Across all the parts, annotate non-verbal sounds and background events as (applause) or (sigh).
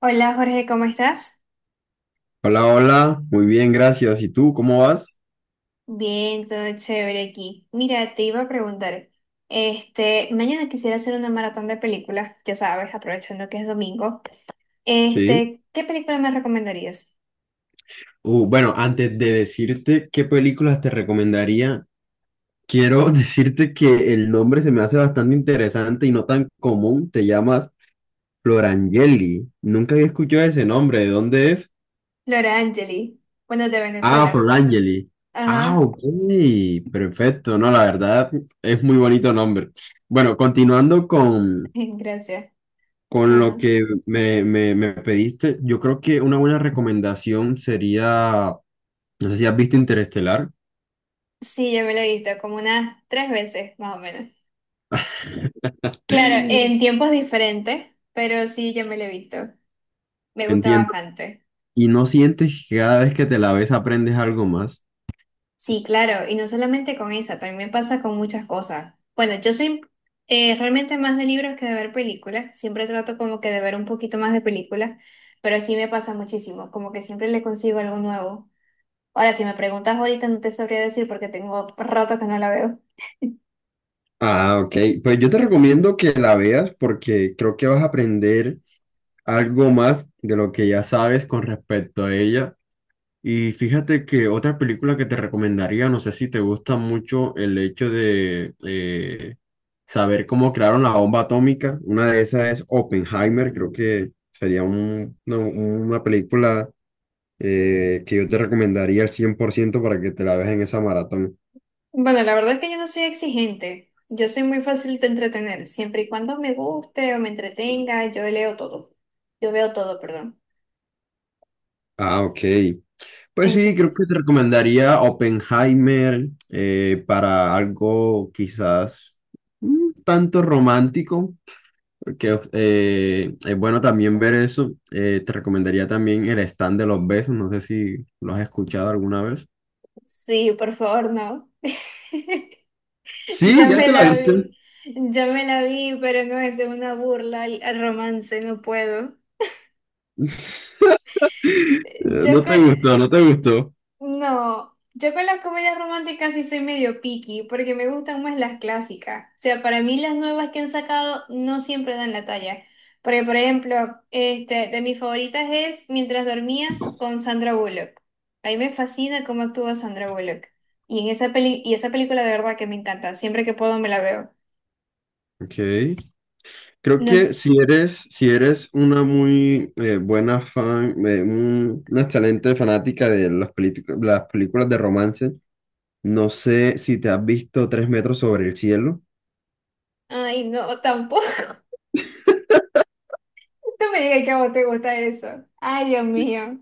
Hola Jorge, ¿cómo estás? Hola, hola, muy bien, gracias. ¿Y tú, cómo vas? Bien, todo chévere aquí. Mira, te iba a preguntar, mañana quisiera hacer una maratón de películas, ya sabes, aprovechando que es domingo. Sí. ¿Qué película me recomendarías? Bueno, antes de decirte qué películas te recomendaría, quiero (laughs) decirte que el nombre se me hace bastante interesante y no tan común. Te llamas Florangeli. Nunca había escuchado ese nombre. ¿De dónde es? Laura Angeli, bueno, de Ah, Venezuela. Florangeli. Ah, Ajá, ok, perfecto. No, (laughs) la verdad es muy bonito nombre. Bueno, gracias. con lo Ajá. que me pediste, yo creo que una buena recomendación sería. No sé si has visto Interestelar. Sí, ya me la he visto como unas 3 veces, más o menos. Claro, (laughs) en tiempos diferentes, pero sí, ya me la he visto. Me gusta Entiendo. bastante. ¿Y no sientes que cada vez que te la ves aprendes algo más? Sí, claro, y no solamente con esa, también me pasa con muchas cosas. Bueno, yo soy realmente más de libros que de ver películas, siempre trato como que de ver un poquito más de películas, pero sí me pasa muchísimo, como que siempre le consigo algo nuevo. Ahora, si me preguntas ahorita, no te sabría decir porque tengo rato que no la veo. Ah, ok. Pues yo te recomiendo que la veas porque creo que vas a aprender algo más de lo que ya sabes con respecto a ella. Y fíjate que otra película que te recomendaría, no sé si te gusta mucho el hecho de saber cómo crearon la bomba atómica. Una de esas es Oppenheimer. Creo que sería no, una película que yo te recomendaría al 100% para que te la veas en esa maratón. Bueno, la verdad es que yo no soy exigente, yo soy muy fácil de entretener, siempre y cuando me guste o me entretenga, yo leo todo, yo veo todo, perdón. Ah, ok. Pues sí, creo Entonces, que te recomendaría Oppenheimer, para algo quizás un tanto romántico, porque es bueno también ver eso. Te recomendaría también el stand de los besos, no sé si lo has escuchado alguna vez. sí, por favor, no. Sí, Ya ya me te la la viste. vi, ya me la vi, pero no es una burla al romance, no puedo. (laughs) Yo No con, te gustó, no te gustó. no, yo con las comedias románticas sí soy medio picky, porque me gustan más las clásicas. O sea, para mí las nuevas que han sacado no siempre dan la talla. Porque, por ejemplo, de mis favoritas es Mientras Dormías con Sandra Bullock. A mí me fascina cómo actúa Sandra Bullock. Y en esa peli, y esa película de verdad que me encanta. Siempre que puedo me la veo. Ok. Creo No que sé- si eres, si eres una muy buena fan, una excelente fanática de las, las películas de romance, no sé si te has visto Tres metros sobre el cielo. Ay, no, tampoco. Tú me digas que a vos te gusta eso. Ay, Dios mío.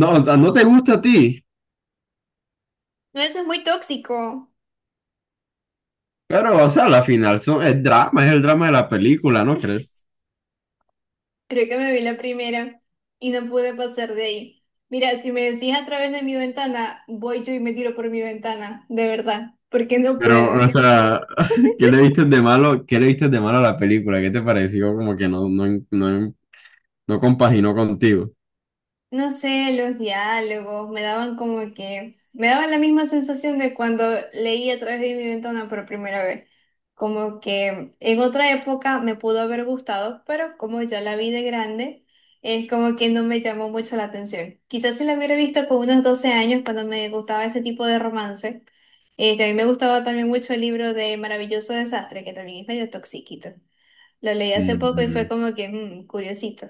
No, o sea, no te gusta a ti, No, eso es muy tóxico. pero, o sea, la final son, es drama, es el drama de la película, ¿no crees? Creo que me vi la primera y no pude pasar de ahí. Mira, si me decís A través de mi ventana, voy yo y me tiro por mi ventana, de verdad, porque no puedo. Pero, o sea, (laughs) ¿qué le viste de malo, qué le viste de malo a la película? ¿Qué te pareció? Como que no, no, no, no compaginó contigo. No sé, los diálogos me daban como que, me daban la misma sensación de cuando leí A través de mi ventana por primera vez. Como que en otra época me pudo haber gustado, pero como ya la vi de grande, es como que no me llamó mucho la atención. Quizás si la hubiera visto con unos 12 años, cuando me gustaba ese tipo de romance. A mí me gustaba también mucho el libro de Maravilloso Desastre, que también es medio toxiquito. Lo leí hace poco y fue Mm, como que, curiosito.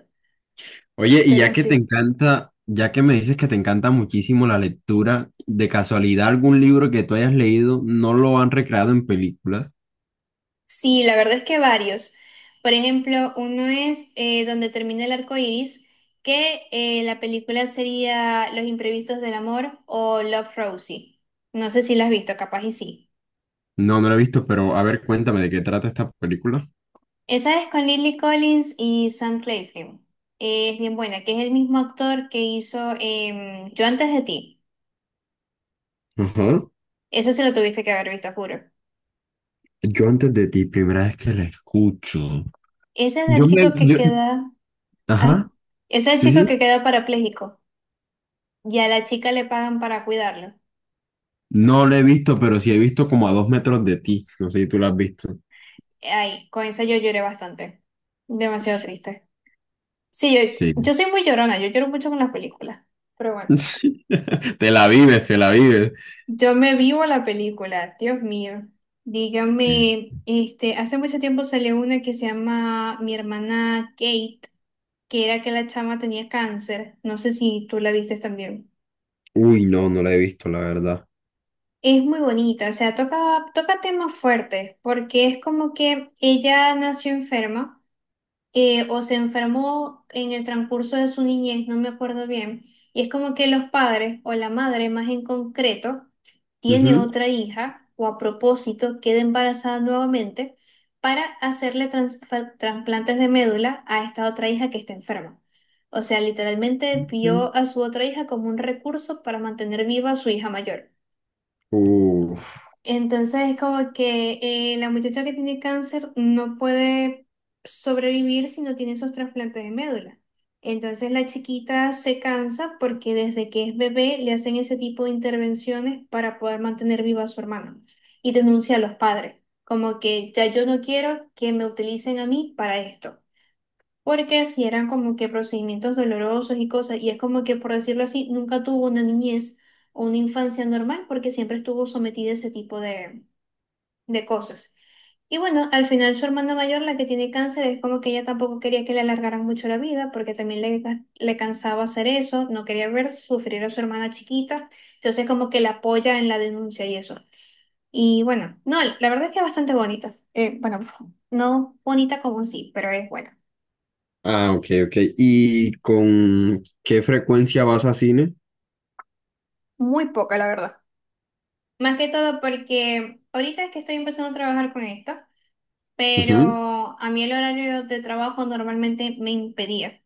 oye, y Pero ya que te sí, encanta, ya que me dices que te encanta muchísimo la lectura, ¿de casualidad algún libro que tú hayas leído no lo han recreado en películas? sí, la verdad es que varios. Por ejemplo, uno es donde termina el arco iris, que la película sería Los imprevistos del amor o Love Rosie. No sé si la has visto, capaz y sí. No, no lo he visto, pero a ver, cuéntame de qué trata esta película. Esa es con Lily Collins y Sam Claflin. Es bien buena, que es el mismo actor que hizo Yo antes de ti. Ajá. Esa se lo tuviste que haber visto, juro. Yo antes de ti, primera vez que la escucho. Ese es Yo el me... chico que yo- queda. ajá. Ah, ese es el Sí, chico sí. que queda parapléjico y a la chica le pagan para cuidarlo. No lo he visto, pero sí he visto como a dos metros de ti. No sé si tú la has visto. Ay, con esa yo lloré bastante. Demasiado triste. Sí, Sí. Yo soy (laughs) muy llorona, yo lloro mucho con las películas. Pero bueno, Sí. Te la vives, te la vives. yo me vivo la película, Dios mío. Sí. Dígame, hace mucho tiempo salió una que se llama Mi hermana Kate, que era que la chama tenía cáncer. No sé si tú la viste también. Uy, no, no la he visto, la verdad. Es muy bonita, o sea, toca temas fuertes, porque es como que ella nació enferma. O se enfermó en el transcurso de su niñez, no me acuerdo bien. Y es como que los padres o la madre más en concreto tiene Ujú. otra hija o a propósito queda embarazada nuevamente para hacerle trasplantes de médula a esta otra hija que está enferma. O sea, literalmente vio a su otra hija como un recurso para mantener viva a su hija mayor. Uf. Entonces es como que la muchacha que tiene cáncer no puede sobrevivir si no tiene esos trasplantes de médula. Entonces la chiquita se cansa porque desde que es bebé le hacen ese tipo de intervenciones para poder mantener viva a su hermana pues, y denuncia a los padres, como que ya yo no quiero que me utilicen a mí para esto. Porque si eran como que procedimientos dolorosos y cosas, y es como que por decirlo así, nunca tuvo una niñez o una infancia normal porque siempre estuvo sometida a ese tipo de cosas. Y bueno, al final su hermana mayor, la que tiene cáncer, es como que ella tampoco quería que le alargaran mucho la vida, porque también le cansaba hacer eso, no quería ver sufrir a su hermana chiquita, entonces como que la apoya en la denuncia y eso. Y bueno, no, la verdad es que es bastante bonita. Bueno, no bonita como sí, pero es buena. Ah, ok, ok. ¿Y con qué frecuencia vas a cine? Muy poca, la verdad. Más que todo porque ahorita es que estoy empezando a trabajar con esto, Ujú. pero a mí el horario de trabajo normalmente me impedía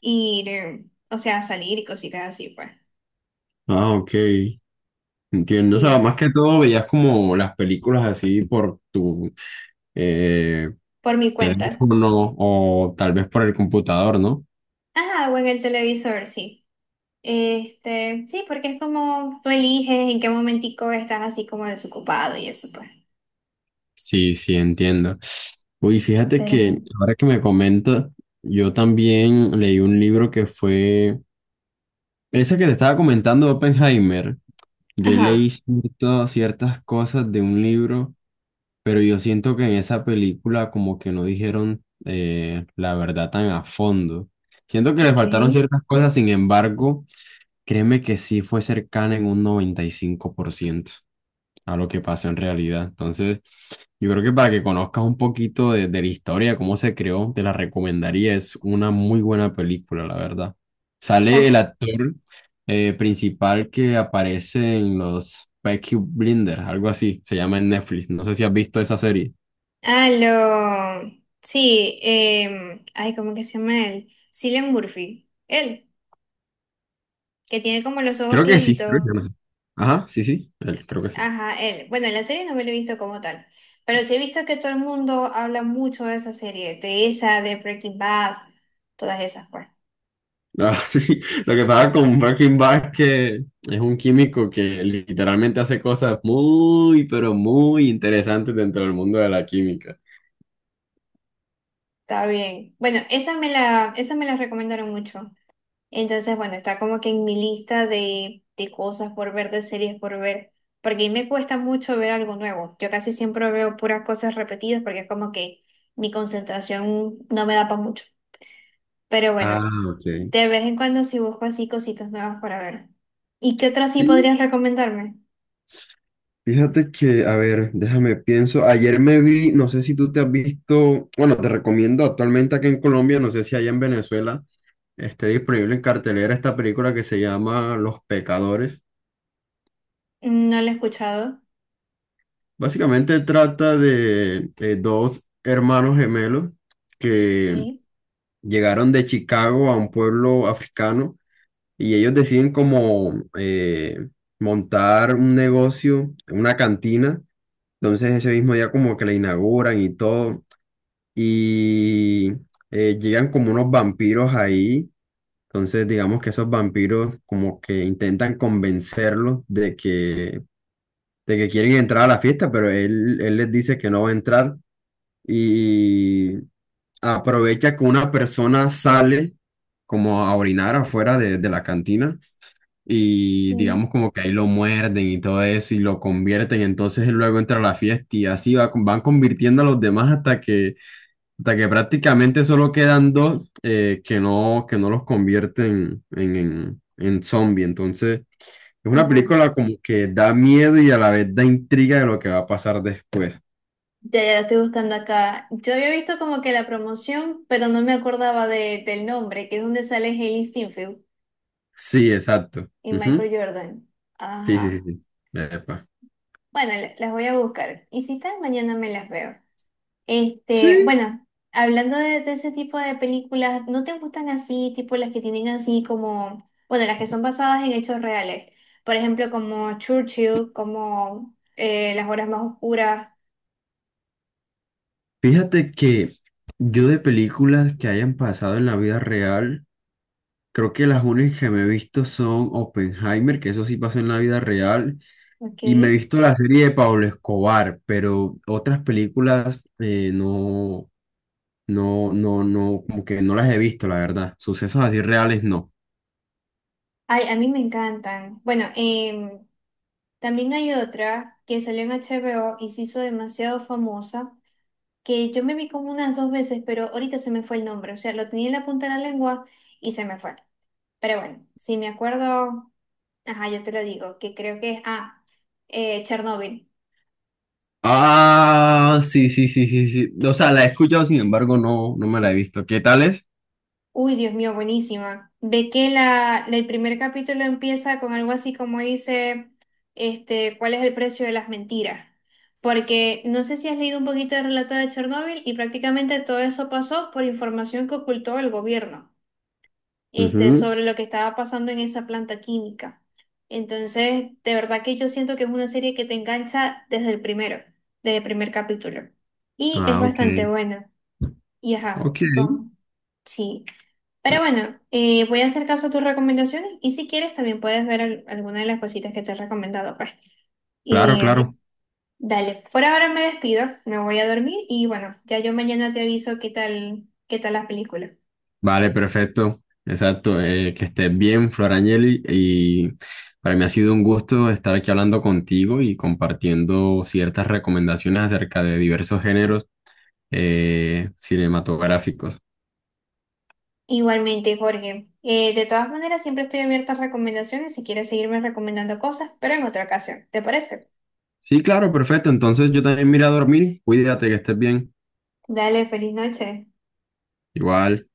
ir, o sea, salir y cositas así, pues. Ah, ok. Entiendo. O sea, Sí, más que todo veías como las películas así por tu eh, por mi cuenta. teléfono o tal vez por el computador, ¿no? Ajá, o en el televisor, sí. Sí, porque es como tú eliges en qué momentico estás así como desocupado y eso, pues. Sí, sí, entiendo. Uy, fíjate Pero, que ahora que me comenta, yo también leí un libro que fue, ese que te estaba comentando, Oppenheimer. Yo ajá, leí ciertas cosas de un libro. Pero yo siento que en esa película como que no dijeron, la verdad tan a fondo. Siento que le faltaron ok. ciertas cosas, sin embargo, créeme que sí fue cercana en un 95% a lo que pasó en realidad. Entonces, yo creo que para que conozcas un poquito de la historia, cómo se creó, te la recomendaría. Es una muy buena película, la verdad. Sale el O- actor principal que aparece en los Peaky Blinders, algo así, se llama en Netflix. No sé si has visto esa serie. ah, lo, sí, ay, ¿cómo que se llama él? Cillian Murphy, él, que tiene como los ojos Creo que sí, creo claritos. que no sé. Ajá, sí, sí, él, creo que sí. Ajá, él. Bueno, la serie no me la he visto como tal, pero sí he visto que todo el mundo habla mucho de esa serie, de Breaking Bad, todas esas, pues. Ah, (laughs) sí. Lo que pasa con Breaking Bad es que es un químico que literalmente hace cosas muy, pero muy interesantes dentro del mundo de la química. Está bien. Bueno, esa me la recomendaron mucho. Entonces, bueno, está como que en mi lista de cosas por ver, de series por ver, porque a mí me cuesta mucho ver algo nuevo. Yo casi siempre veo puras cosas repetidas porque es como que mi concentración no me da para mucho. Pero bueno, Ah, ok. de vez en cuando sí busco así cositas nuevas para ver. ¿Y qué otra sí Sí, podrías recomendarme? fíjate que, a ver, déjame pienso. Ayer me vi, no sé si tú te has visto, bueno, te recomiendo actualmente aquí en Colombia, no sé si allá en Venezuela esté disponible en cartelera esta película que se llama Los Pecadores. Mm, no la he escuchado. Básicamente trata de, dos hermanos gemelos que ¿Qué? llegaron de Chicago a un pueblo africano y ellos deciden como montar un negocio, una cantina. Entonces ese mismo día como que la inauguran y todo y llegan como unos vampiros ahí. Entonces digamos que esos vampiros como que intentan convencerlos de que quieren entrar a la fiesta, pero él les dice que no va a entrar. Y aprovecha que una persona sale como a orinar afuera de la cantina y Mm, digamos como que ahí lo muerden y todo eso y lo convierten, entonces él luego entra a la fiesta y así va, van convirtiendo a los demás hasta que prácticamente solo quedan dos que no los convierten en zombie, entonces... Es una ajá. película como que da miedo y a la vez da intriga de lo que va a pasar después. Ya, ya la estoy buscando acá. Yo había visto como que la promoción, pero no me acordaba de, del nombre, que es donde sale Hailee Steinfeld Sí, exacto. y Ujú. Michael Jordan. Sí, sí, sí. Ajá. Sí, epa. Bueno, las voy a buscar. Y si tal, mañana me las veo. Sí, Bueno, hablando de ese tipo de películas, ¿no te gustan así, tipo las que tienen así como, bueno, las que son basadas en hechos reales? Por ejemplo, como Churchill, como Las horas más oscuras. fíjate que yo de películas que hayan pasado en la vida real, creo que las únicas que me he visto son Oppenheimer, que eso sí pasó en la vida real, Ok. y me he Ay, visto la serie de Pablo Escobar, pero otras películas no, no, no, no, como que no las he visto, la verdad. Sucesos así reales, no. a mí me encantan. Bueno, también hay otra que salió en HBO y se hizo demasiado famosa, que yo me vi como unas 2 veces, pero ahorita se me fue el nombre. O sea, lo tenía en la punta de la lengua y se me fue. Pero bueno, si me acuerdo. Ajá, yo te lo digo, que creo que es, ah, Chernóbil. Ah, sí, sí, sí, sí, sí. O sea, la he escuchado, sin embargo, no, no me la he visto. ¿Qué tal es? Uy, Dios mío, buenísima. Ve que el primer capítulo empieza con algo así como dice, ¿cuál es el precio de las mentiras? Porque no sé si has leído un poquito del relato de Chernóbil y prácticamente todo eso pasó por información que ocultó el gobierno, Ujú. sobre lo que estaba pasando en esa planta química. Entonces, de verdad que yo siento que es una serie que te engancha desde el primero, desde el primer capítulo. Y es Ah, ok. bastante buena. Y Ok. Sí. Pero bueno, voy a hacer caso a tus recomendaciones y si quieres también puedes ver alguna de las cositas que te he recomendado, pues. Claro, Eh, claro. dale, por ahora me despido, me voy a dormir y bueno, ya yo mañana te aviso qué tal la película. Vale, perfecto. Exacto. Que estés bien, Flor Angeli. Y para mí ha sido un gusto estar aquí hablando contigo y compartiendo ciertas recomendaciones acerca de diversos géneros cinematográficos. Igualmente, Jorge. De todas maneras, siempre estoy abierta a recomendaciones si quieres seguirme recomendando cosas, pero en otra ocasión. ¿Te parece? Sí, claro, perfecto. Entonces yo también me iré a dormir. Cuídate, que estés bien. Dale, feliz noche. Igual.